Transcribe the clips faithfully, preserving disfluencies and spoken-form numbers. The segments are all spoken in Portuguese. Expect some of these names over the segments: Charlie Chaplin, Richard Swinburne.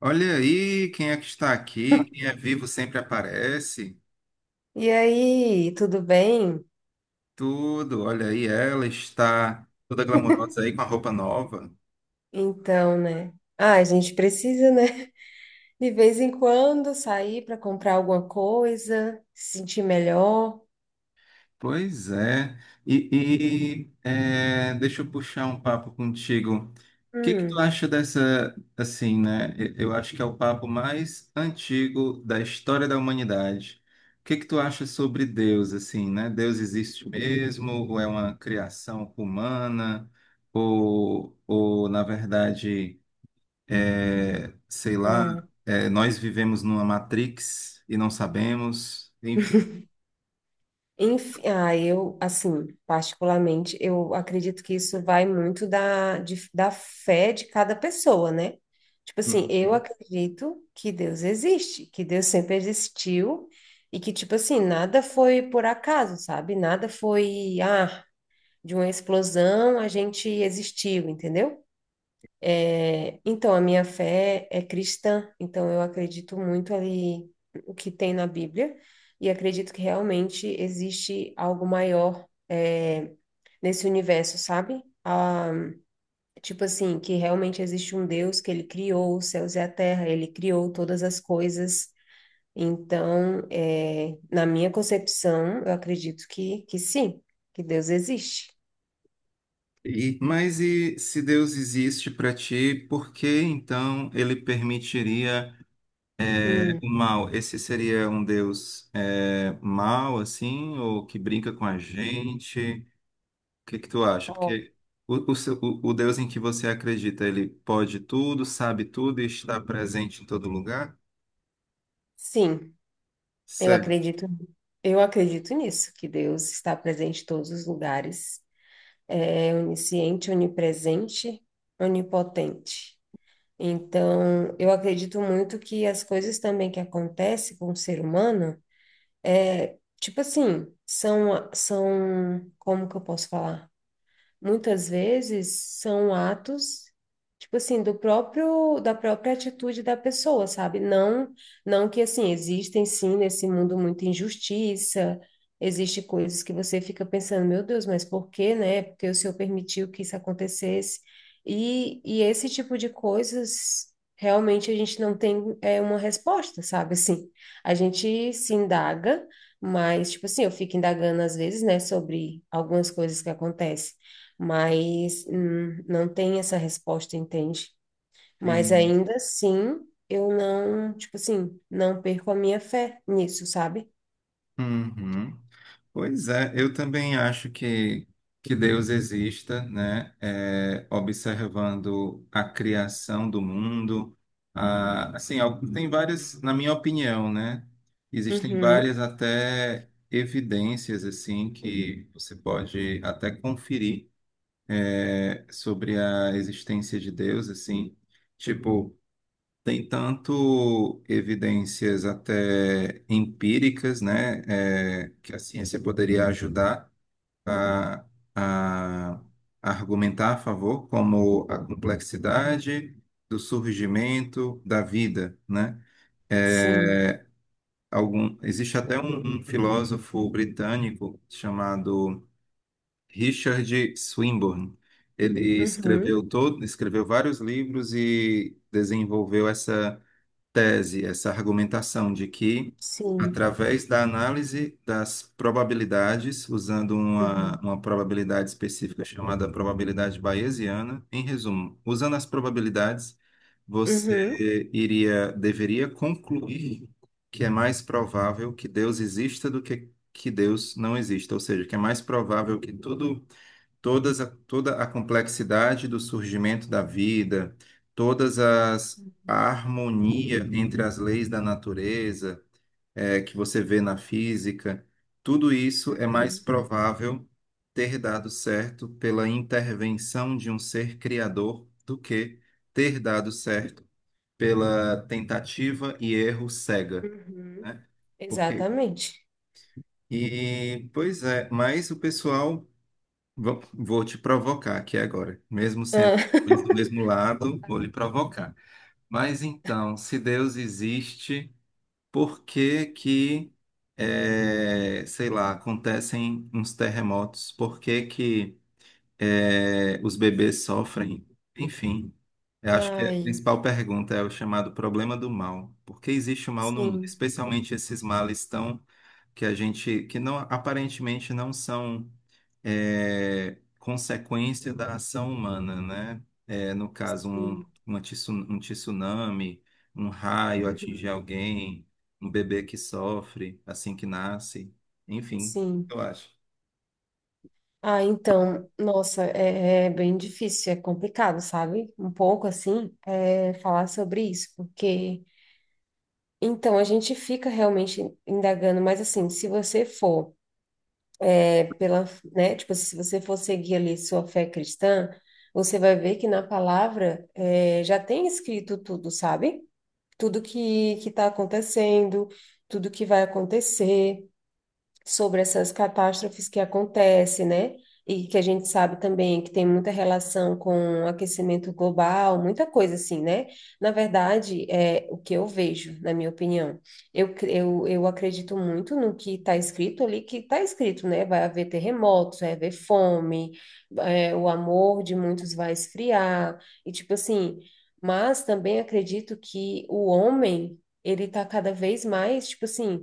Olha aí quem é que está aqui, quem é vivo sempre aparece, E aí, tudo bem? tudo. Olha aí, ela está toda glamourosa aí com a roupa nova. Então, né? Ah, a gente precisa, né? De vez em quando sair para comprar alguma coisa, se sentir melhor. Pois é. E, e, é, deixa eu puxar um papo contigo. O que que tu Hum, acha dessa, assim, né? e- Eu acho que é o papo mais antigo da história da humanidade. O que que tu acha sobre Deus, assim, né? Deus existe mesmo? Ou é uma criação humana? Ou, ou na verdade, é, sei lá, ah, é, nós vivemos numa Matrix e não sabemos? Enfim. enfim, ah, eu, assim, particularmente, eu acredito que isso vai muito da, de- da fé de cada pessoa, né? Tipo assim, eu acredito que Deus existe, que Deus sempre existiu e que, tipo assim, nada foi por acaso, sabe? Nada foi, ah, de uma explosão, a gente existiu, entendeu? É, então, a minha fé é cristã, então eu acredito muito ali o que tem na Bíblia e acredito que realmente existe algo maior, é, nesse universo, sabe? Ah, tipo assim, que realmente existe um Deus que ele criou os céus e a terra, ele criou todas as coisas. Então, é, na minha concepção, eu acredito que, que sim, que Deus existe. E- mas e se Deus existe para ti, por que então ele permitiria é, Hum. o mal? Esse seria um Deus é, mau, assim, ou que brinca com a gente? O que que tu acha? Porque o, o seu- o- o Deus em que você acredita, ele pode tudo, sabe tudo e está presente em todo lugar? Sim, eu Sério? acredito, eu acredito nisso, que Deus está presente em todos os lugares, é onisciente, onipresente, onipotente. Então, eu acredito muito que as coisas também que acontecem com o ser humano é, tipo assim, são, são, como que eu posso falar? Muitas vezes são atos, tipo assim, do próprio da própria atitude da pessoa, sabe? Não, não que assim existem sim nesse mundo muita injustiça, existe coisas que você fica pensando, meu Deus, mas por quê, né? Porque o Senhor permitiu que isso acontecesse. E, e esse tipo de coisas realmente a gente não tem é, uma resposta, sabe? Assim, a gente se indaga, mas, tipo assim, eu fico indagando às vezes, né, sobre algumas coisas que acontecem, mas hum, não tem essa resposta, entende? Mas Sim. ainda assim, eu não, tipo assim, não perco a minha fé nisso, sabe? Uhum. Pois é, eu também acho que, que Deus exista, né? É, observando a criação do mundo, a, assim, al- tem várias, na minha opinião, né? Existem Uhum, várias até evidências, assim, que você pode até conferir, é, sobre a existência de Deus, assim. Tipo, tem tanto evidências até empíricas, né, é, que a ciência poderia ajudar a, a argumentar a favor, como a complexidade do surgimento da vida, né? É, sim, algum, existe até um, um filósofo britânico chamado Richard Swinburne. Ele uhum, escreveu todo, escreveu vários livros e desenvolveu essa tese, essa argumentação de que, sim, através da análise das probabilidades, usando uma, uhum, uma probabilidade específica chamada probabilidade bayesiana, em resumo, usando as probabilidades, uhum, você iria, deveria concluir que é mais provável que Deus exista do que que Deus não exista, ou seja, que é mais provável que tudo todas a, toda a complexidade do surgimento da vida, todas as a harmonia entre as leis da natureza, eh, que você vê na física, tudo isso é mais uhum, provável ter dado certo pela intervenção de um ser criador do que ter dado certo pela tentativa e erro cega, uhum, né? Porque, exatamente. e pois é, mas o pessoal. Vou vou te provocar aqui agora. Mesmo sendo Ah, eles do mesmo lado, vou lhe provocar. Mas então, se Deus existe, por que que, eh, sei lá, acontecem uns terremotos? Por que que, eh, os bebês sofrem? Enfim, eu acho que a ai, principal pergunta é o chamado problema do mal. Por que existe o mal no mundo? sim, Especialmente esses males tão que a gente, que não aparentemente não são é, consequência da ação humana, né? É, no caso, um, sim, uma tsu- um tsunami, um raio atingir uhum, alguém, um bebê que sofre assim que nasce, enfim, sim. eu acho. Ah, então, nossa, é, é bem difícil, é complicado, sabe? Um pouco assim, é, falar sobre isso, porque então, a gente fica realmente indagando, mas assim, se você for é, pela, né, tipo assim, se você for seguir ali sua fé cristã, você vai ver que na palavra é, já tem escrito tudo, sabe? Tudo que que está acontecendo, tudo que vai acontecer sobre essas catástrofes que acontecem, né? E que a gente sabe também que tem muita relação com aquecimento global, muita coisa assim, né? Na verdade, é o que eu vejo, na minha opinião. Eu, cre- eu, eu acredito muito no que está escrito ali, que está escrito, né? Vai haver terremotos, vai haver fome, é, o amor de muitos vai esfriar, e tipo assim. Mas também acredito que o homem, ele está cada vez mais, tipo assim,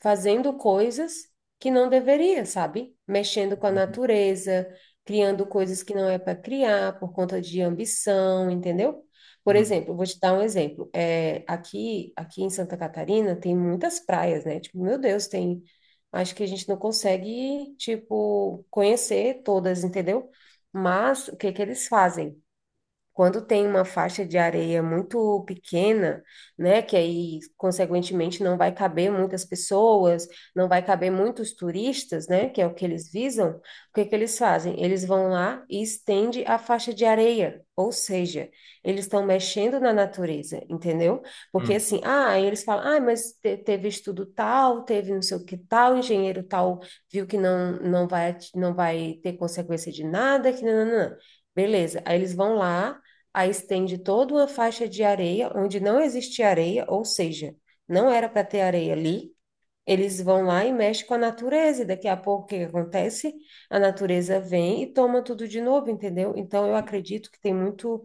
fazendo coisas que não deveria, sabe? Mexendo com a natureza, criando coisas que não é para criar por conta de ambição, entendeu? Por Hum, exemplo, vou te dar um exemplo. É, aqui, aqui em Santa Catarina tem muitas praias, né? Tipo, meu Deus, tem. Acho que a gente não consegue, tipo, conhecer todas, entendeu? Mas o que que eles fazem? Quando tem uma faixa de areia muito pequena, né, que aí, consequentemente, não vai caber muitas pessoas, não vai caber muitos turistas, né, que é o que eles visam, o que é que eles fazem? Eles vão lá e estende a faixa de areia, ou seja, eles estão mexendo na natureza, entendeu? Porque hum. assim, ah, aí eles falam, ah, mas te- teve estudo tal, teve não sei o que tal, engenheiro tal viu que não, não vai, não vai ter consequência de nada, que não, não, não. Beleza, aí eles vão lá, aí estende toda uma faixa de areia onde não existe areia, ou seja, não era para ter areia ali. Eles vão lá e mexem com a natureza, e daqui a pouco o que que acontece? A natureza vem e toma tudo de novo, entendeu? Então eu acredito que tem muito,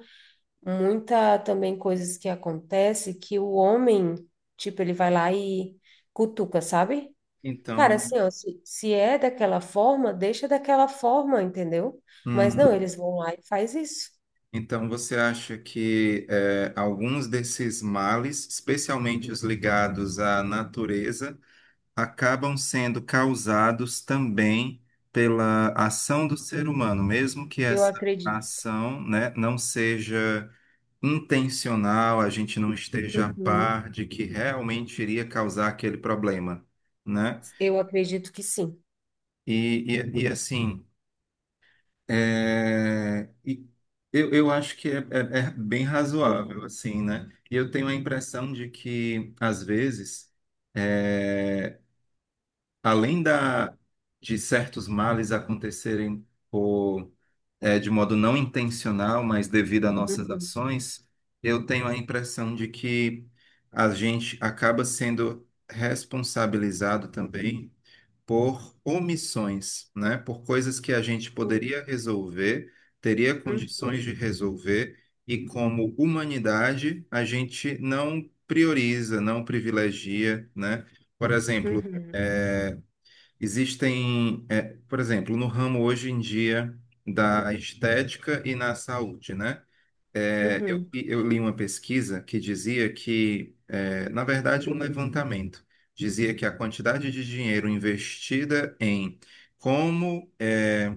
muita também coisas que acontece que o homem, tipo, ele vai lá e cutuca, sabe? Cara, Então, assim, ó, se, se é daquela forma, deixa daquela forma, entendeu? Mas não, hum, eles vão lá e faz isso. então você acha que é, alguns desses males, especialmente os ligados à natureza, acabam sendo causados também pela ação do ser humano, mesmo que Eu essa acredito. ação, né, não seja intencional, a gente não esteja a Uhum. par de que realmente iria causar aquele problema, né? Eu acredito que sim. E, e, e assim, é, e eu, eu acho que é, é- é bem razoável, assim, né? E eu tenho a impressão de que, às vezes, é, além da, de certos males acontecerem por, eh, de modo não intencional, mas devido a nossas Uhum. ações, eu tenho a impressão de que a gente acaba sendo responsabilizado também por omissões, né? Por coisas que a gente poderia resolver, teria Sim. condições de resolver, e como humanidade, a gente não prioriza, não privilegia, né? Por exemplo, Uhum. existem, é, por exemplo, no ramo hoje em dia da estética e na saúde, né? Uhum. É, eu, Uhum. eu li uma pesquisa que dizia que, é, na verdade, um levantamento dizia que a quantidade de dinheiro investida em como é,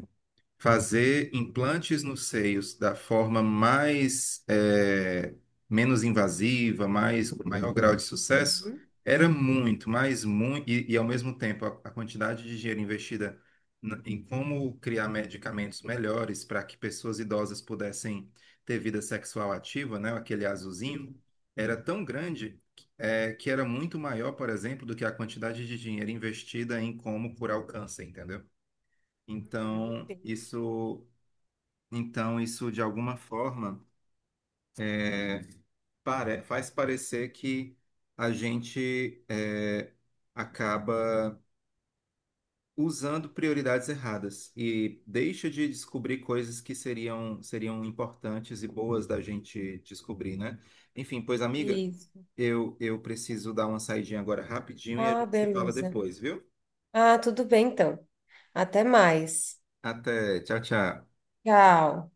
fazer implantes nos seios da forma mais eh, menos invasiva, mais com maior grau de sucesso, Uhum. era muito, mas muito e, e, ao mesmo tempo a, a quantidade de dinheiro investida n- em como criar medicamentos melhores para que pessoas idosas pudessem ter vida sexual ativa, né, aquele azulzinho, era tão grande eh, que era muito maior, por exemplo, do que a quantidade de dinheiro investida em como curar o câncer, entendeu? Uhum. Então, Entendi. isso então, isso de alguma forma é, pare- faz parecer que a gente é, acaba usando prioridades erradas e deixa de descobrir coisas que seriam, seriam importantes e boas da gente descobrir, né? Enfim, pois, amiga, Isso. eu, eu preciso dar uma saidinha agora rapidinho e a Ah, gente se fala beleza. depois, viu? Ah, tudo bem então. Até mais. Até, tchau, tchau. Tchau.